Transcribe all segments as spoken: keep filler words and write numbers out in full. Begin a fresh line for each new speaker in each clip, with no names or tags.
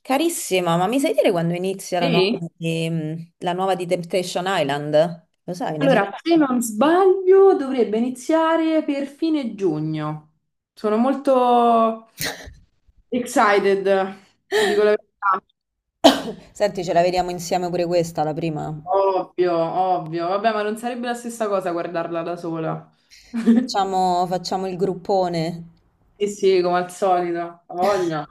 Carissima, ma mi sai dire quando inizia la nuova
Sì?
di, mm, la nuova di Temptation Island? Lo sai, ne sai?
Allora, se non sbaglio, dovrebbe iniziare per fine giugno. Sono molto excited, ti dico la verità.
Senti, ce la vediamo insieme pure questa, la prima.
Ovvio, ovvio. Vabbè, ma non sarebbe la stessa cosa guardarla da sola.
Facciamo, facciamo il gruppone.
Sì, sì, come al solito, ha voglia.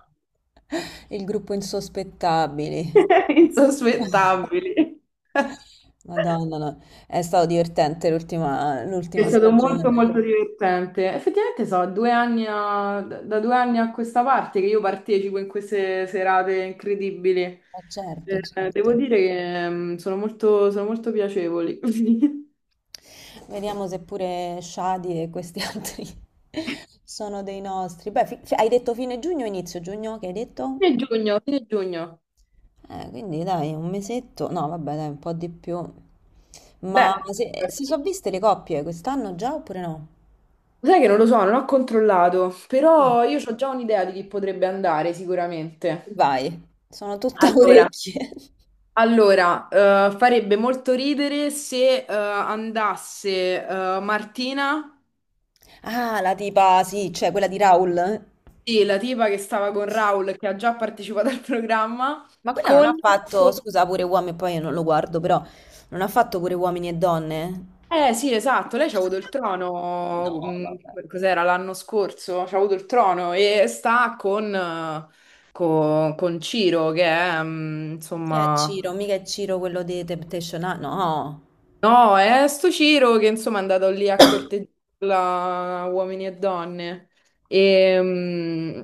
Il gruppo insospettabili.
Insospettabili.
Madonna, no. È stato divertente l'ultima
È
l'ultima
stato molto
stagione.
molto divertente. Effettivamente so, due anni a- da due anni a questa parte che io partecipo in queste serate incredibili.
Eh, certo,
Eh, devo
certo.
dire che mm, sono molto, sono molto piacevoli.
Vediamo se pure Shadi e questi altri sono dei nostri. Beh, fi- fi- hai detto fine giugno, inizio giugno, che hai detto?
Fine giugno, fine giugno.
Eh, quindi dai, un mesetto. No, vabbè, dai, un po' di più. Ma
Beh,
se- si sono viste le coppie quest'anno già oppure no?
sai che non lo so, non ho controllato,
Mm.
però io ho già un'idea di chi potrebbe andare sicuramente.
Vai, sono tutta
Allora,
orecchie.
Allora, eh, farebbe molto ridere se eh, andasse eh, Martina.
Ah, la tipa, sì, cioè quella di Raul.
Sì, la tipa che stava con Raul, che ha già partecipato al programma,
Ma quella non
con...
ha fatto, scusa, pure uomini, poi io non lo guardo, però non ha fatto pure uomini e donne?
Eh sì, esatto, lei c'ha avuto il trono,
No, vabbè.
mh, cos'era, l'anno scorso? C'ha avuto il trono e sta con, eh, co- con Ciro, che è, mh,
Chi è
insomma,
Ciro? Mica è Ciro quello di Temptation Island? No.
No, è sto Ciro che insomma è andato lì a corteggiarla uomini e donne. E, mm,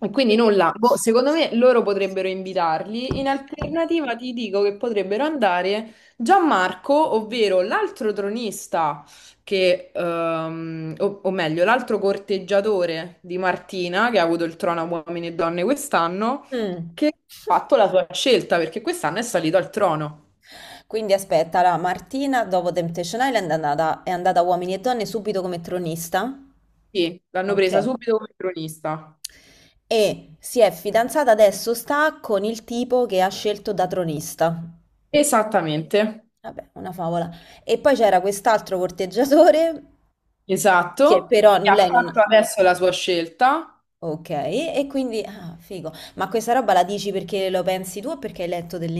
e quindi
Quindi.
nulla. Boh, secondo me loro potrebbero invitarli. In alternativa ti dico che potrebbero andare Gianmarco, ovvero l'altro tronista, che, ehm, o, o meglio, l'altro corteggiatore di Martina, che ha avuto il trono a uomini e donne quest'anno,
Mm.
che ha fatto la sua scelta perché quest'anno è salito al trono.
Quindi aspetta, la Martina dopo Temptation Island è andata, è andata a Uomini e Donne subito come tronista.
Sì, l'hanno
Ok.
presa subito come cronista.
E si è fidanzata adesso, sta con il tipo che ha scelto da tronista.
Esattamente,
Vabbè, una favola. E poi c'era quest'altro corteggiatore che
esatto.
però
E ha
lei non.
fatto adesso la sua scelta.
Ok, e quindi. Ah, figo. Ma questa roba la dici perché lo pensi tu o perché hai letto delle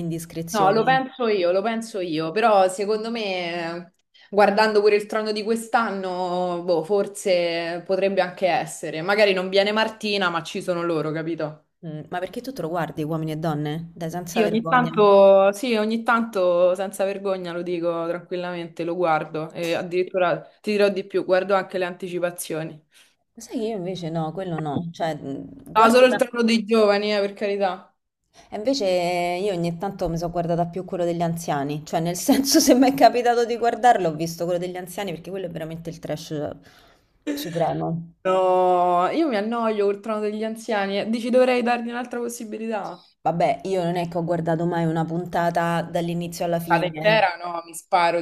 No, lo
indiscrezioni?
penso io, lo penso io, però secondo me, guardando pure il trono di quest'anno, boh, forse potrebbe anche essere. Magari non viene Martina, ma ci sono loro, capito?
Mh, ma perché tu te lo guardi Uomini e Donne? Dai, senza
Sì, ogni
vergogna. Lo
tanto, sì, ogni tanto, senza vergogna, lo dico tranquillamente, lo guardo e addirittura ti dirò di più, guardo anche le anticipazioni.
sai che io invece no, quello no, cioè mh,
No,
guardo
solo il
da-
trono dei giovani, eh, per carità.
e invece io ogni tanto mi sono guardata più quello degli anziani, cioè nel senso se mi è capitato di guardarlo ho visto quello degli anziani perché quello è veramente il trash supremo.
No, io mi annoio col trono degli anziani. Eh. Dici dovrei dargli un'altra possibilità?
Vabbè, io non è che ho guardato mai una puntata dall'inizio alla
Vado
fine, eh.
intera? No, mi sparo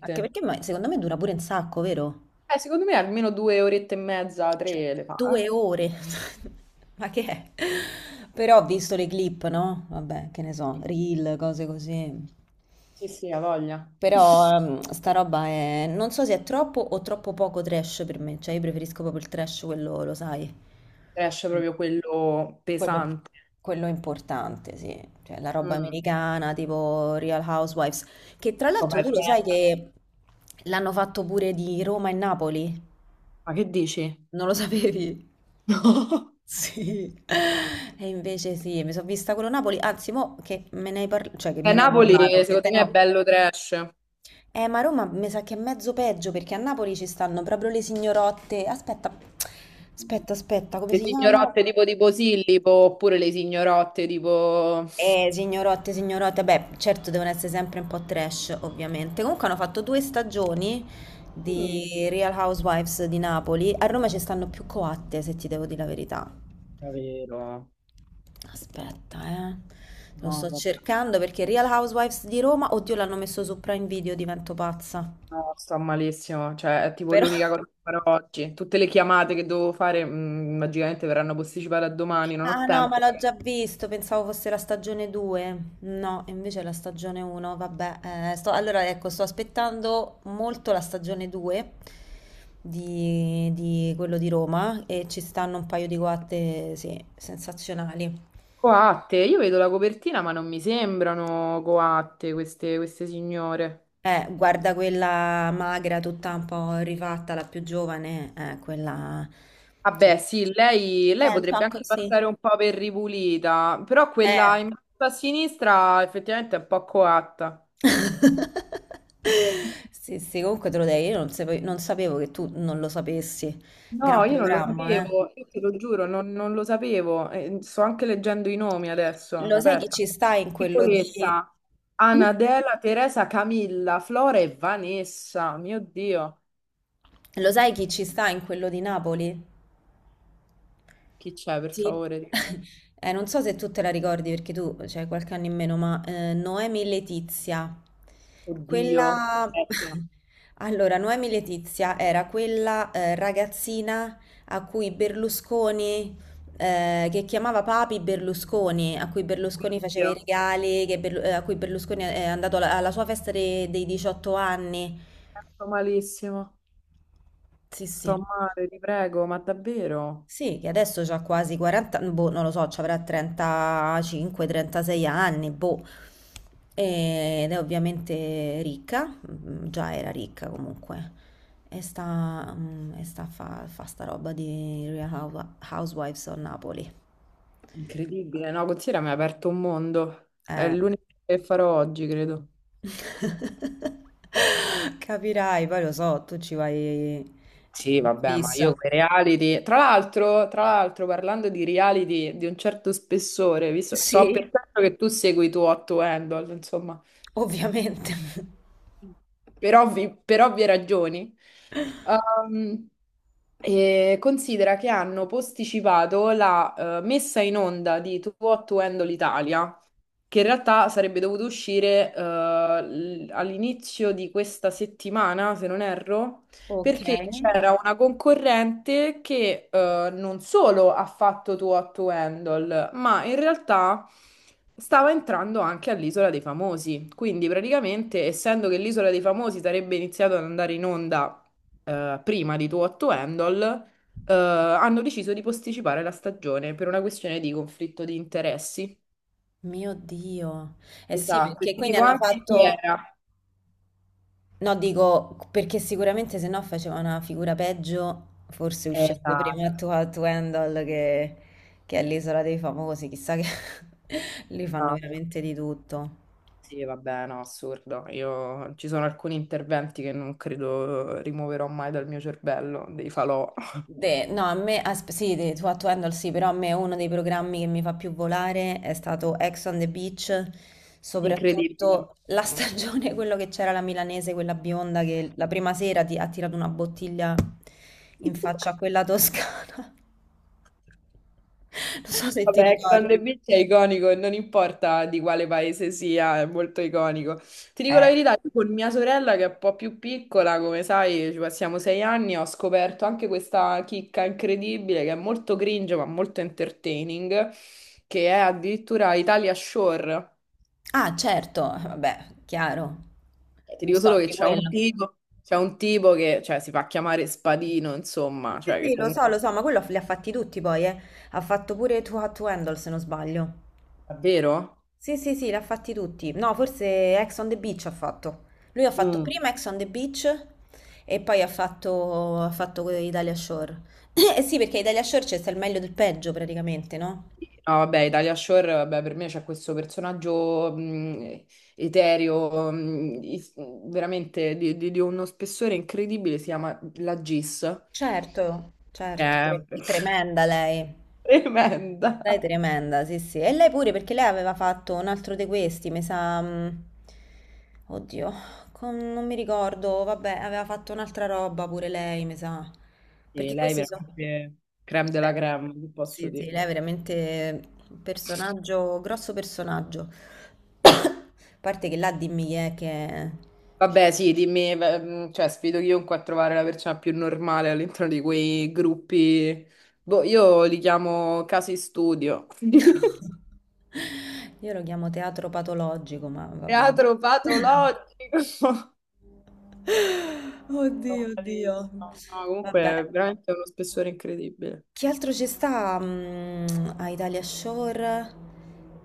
Anche perché ma- secondo me dura pure un sacco, vero?
Eh, secondo me almeno due orette e mezza,
Cioè,
tre le
due
fa.
ore. Ma che è? Però ho visto le clip, no? Vabbè, che ne so,
Eh.
reel, cose così.
Sì, sì, ha voglia.
Però ehm, sta roba è. Non so se è troppo o troppo poco trash per me. Cioè, io preferisco proprio il trash, quello, lo sai.
Trash proprio quello
Quello,
pesante.
quello è importante, sì. Cioè, la roba
Mm.
americana, tipo Real Housewives. Che tra l'altro
Vabbè,
tu lo
bene.
sai che l'hanno fatto pure di Roma e Napoli?
Ma che dici?
Non lo sapevi? Sì, e invece sì, mi sono vista quello Napoli, anzi, mo che me ne hai par- cioè, che
No. Eh,
me ne hai parlato,
Napoli,
che
secondo
te ne
me, è
ho.
bello trash.
Eh, ma Roma mi sa che è mezzo peggio perché a Napoli ci stanno proprio le signorotte. Aspetta, aspetta, aspetta, come
Le
si chiama?
signorotte tipo di Posillipo, oppure le signorotte tipo...
Eh, signorotte, signorotte, beh, certo devono essere sempre un po' trash, ovviamente. Comunque hanno fatto due stagioni
Mm.
di Real Housewives di Napoli. A Roma ci stanno più coatte, se ti devo dire la verità.
Davvero?
Aspetta, eh. Lo
No,
sto
vabbè.
cercando perché Real Housewives di Roma, oddio, l'hanno messo su Prime Video, divento pazza.
No, sto malissimo, cioè è tipo
Però,
l'unica cosa che farò oggi. Tutte le chiamate che devo fare, mh, magicamente verranno posticipate a domani, non ho
ah no,
tempo.
ma l'ho già visto, pensavo fosse la stagione due. No, invece è la stagione uno, vabbè. eh, sto- allora, ecco, sto aspettando molto la stagione due di, di quello di Roma e ci stanno un paio di guatte, sì, sensazionali.
Coatte, io vedo la copertina, ma non mi sembrano coatte queste, queste signore.
Eh, guarda quella magra, tutta un po' rifatta, la più giovane, eh, quella. Cioè,
Vabbè, sì, lei,
è
lei
un
potrebbe
po'
anche
così.
passare un po' per ripulita, però
Eh.
quella in basso a sinistra effettivamente è un po' coatta.
Sì, sì, comunque te lo dai, io non sape- non sapevo che tu non lo sapessi.
No,
Gran
io non lo
programma, eh.
sapevo, io te lo giuro, non, non lo sapevo. Eh, sto anche leggendo i nomi adesso.
Lo sai chi
Aspetta.
ci sta in quello di.
Nicoletta, Anadela, Teresa, Camilla, Flora e Vanessa. Mio Dio,
Lo sai chi ci sta in quello di Napoli?
chi c'è per
Sì,
favore? Dimmelo.
eh, non so se tu te la ricordi perché tu c'hai qualche anno in meno, ma eh, Noemi Letizia,
Oddio,
quella.
aspetta.
Allora, Noemi Letizia era quella eh, ragazzina a cui Berlusconi, eh, che chiamava Papi Berlusconi, a cui
Mio
Berlusconi faceva i
Dio,
regali, che Berlu- eh, a cui Berlusconi è andato alla, alla sua festa de- dei diciotto anni.
sto malissimo,
Sì,
sto
sì.
male, ti prego, ma davvero?
Sì, che adesso ha quasi quaranta, boh, non lo so, ci avrà trentacinque o trentasei anni, boh. Ed è ovviamente ricca, mm, già era ricca comunque. E sta, mm, e sta a fa, fa sta roba di Real Hou- Housewives of Napoli.
Incredibile, no? Considera mi ha aperto un mondo. È
Eh.
l'unico che farò oggi, credo.
Capirai, poi lo so, tu ci vai
Sì,
in
vabbè, ma
fissa,
io quei reality. Tra l'altro, tra l'altro, parlando di reality di un certo spessore, visto, so per certo che tu segui tu Otto Handle, insomma,
ovviamente.
per ovvi- per ovvie ragioni. Ehm, e considera che hanno posticipato la eh, messa in onda di Tu Otto Handle Italia che in realtà sarebbe dovuto uscire eh, l- all'inizio di questa settimana, se non erro,
Ok.
perché c'era una concorrente che eh, non solo ha fatto Too to Handle, ma in realtà stava entrando anche all'Isola dei Famosi. Quindi praticamente, essendo che l'Isola dei Famosi sarebbe iniziato ad andare in onda eh, prima di Too to Handle, eh, hanno deciso di posticipare la stagione per una questione di conflitto di interessi.
Mio Dio. Eh sì,
Esatto, e
perché
ti
quindi
dico
hanno
anche chi
fatto.
era.
No, dico perché sicuramente se no faceva una figura peggio, forse uscendo prima
Esatto,
tu a tu Handle che, che è l'Isola dei Famosi, chissà che lì fanno
esatto.
veramente di tutto.
Sì, vabbè, no, assurdo. Io ci sono alcuni interventi che non credo rimuoverò mai dal mio cervello, dei falò.
De- no, a me, asp- sì, de, Too Hot to Handle sì, però a me uno dei programmi che mi fa più volare è stato Ex on the Beach,
Incredibile.
soprattutto la stagione, quello che c'era la milanese, quella bionda che la prima sera ti ha tirato una bottiglia in faccia a quella toscana. Non so se ti
Vabbè, Ex
ricordi.
on the Beach è iconico, non importa di quale paese sia, è molto iconico. Ti dico la
Eh.
verità, io con mia sorella che è un po' più piccola, come sai, ci passiamo sei anni, ho scoperto anche questa chicca incredibile che è molto cringe ma molto entertaining, che è addirittura Italia Shore.
Ah, certo, vabbè, chiaro.
Eh, Ti dico
Visto
solo che
anche
c'è un
quello.
tipo, c'è un tipo che, cioè, si fa chiamare Spadino,
Sì,
insomma,
sì,
cioè che
sì, lo so,
comunque...
lo so, ma quello li ha fatti tutti poi, eh. Ha fatto pure Too Hot to Handle, se non sbaglio.
Davvero?
Sì, sì, sì, li ha fatti tutti. No, forse Ex on the Beach ha fatto. Lui ha fatto
Mm.
prima Ex on the Beach e poi ha fatto, ha fatto Italia Shore. Eh sì, perché Italia Shore c'è sta il meglio del peggio praticamente, no?
No, vabbè, Italia Shore, vabbè, per me c'è questo personaggio mh, etereo, mh, is- veramente di, di- di uno spessore incredibile, si chiama la Gis,
Certo,
che
certo,
è
tre- tremenda lei. Lei è
tremenda.
tremenda, sì, sì. E lei pure, perché lei aveva fatto un altro di questi, mi sa. mh, Oddio, con- non mi ricordo, vabbè, aveva fatto un'altra roba pure lei, mi sa.
E
Perché
lei è
questi sono.
veramente creme della
Beh,
creme, vi posso
sì, sì,
dire.
lei è veramente un personaggio, grosso personaggio. A parte che là dimmi chi è che.
Vabbè, sì, dimmi, beh, mh, cioè, sfido chiunque a trovare la persona più normale all'interno di quei gruppi. Boh, io li chiamo casi studio.
Io lo chiamo teatro patologico, ma vabbè.
Teatro patologico.
Oddio,
Sono
oddio.
bravissima. No, comunque
Vabbè.
è veramente uno spessore incredibile.
Che altro ci sta mm, a Italia Shore?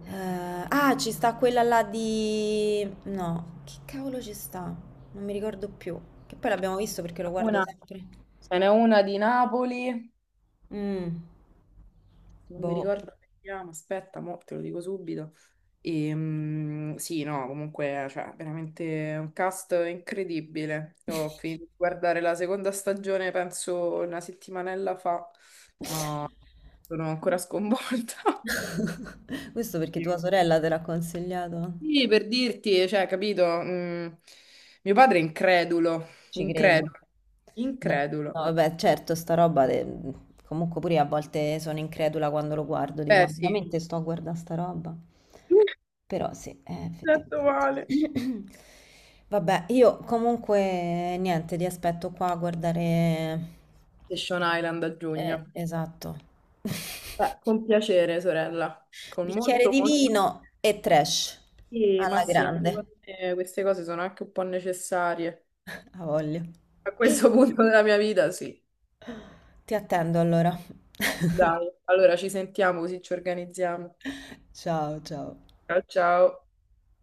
Eh, ah, ci sta quella là di. No, che cavolo ci sta? Non mi ricordo più. Che poi l'abbiamo visto perché lo guardo
Una,
sempre.
ce n'è una di Napoli,
Mm,
non mi
boh.
ricordo come si chiama, aspetta, mo te lo dico subito. E, mm, sì, no, comunque, cioè, veramente un cast incredibile. Io ho finito di guardare la seconda stagione, penso una settimanella fa, ma sono ancora sconvolta.
Questo perché
Sì.
tua
ma-
sorella te l'ha consigliato.
Sì, per dirti, cioè, capito? Mm, mio padre è incredulo,
Ci credo.
incredulo,
No, no,
incredulo.
vabbè, certo, sta roba, de- comunque pure io a volte sono incredula quando lo guardo, dico,
Eh
ma
sì,
veramente sto a guardare sta roba? Però sì, eh,
Detto
effettivamente.
male.
Vabbè, io comunque niente, ti aspetto qua a guardare.
Station Island a
Eh,
giugno.
esatto.
Eh, con piacere, sorella, con
Bicchiere
molto,
di
molto...
vino e trash
Sì, ma
alla
sì,
grande.
secondo me queste cose sono anche un po' necessarie.
A voglia.
A questo punto della mia vita, sì.
Ti attendo allora.
Dai, allora ci sentiamo così ci organizziamo.
Ciao, ciao.
Ciao, ciao.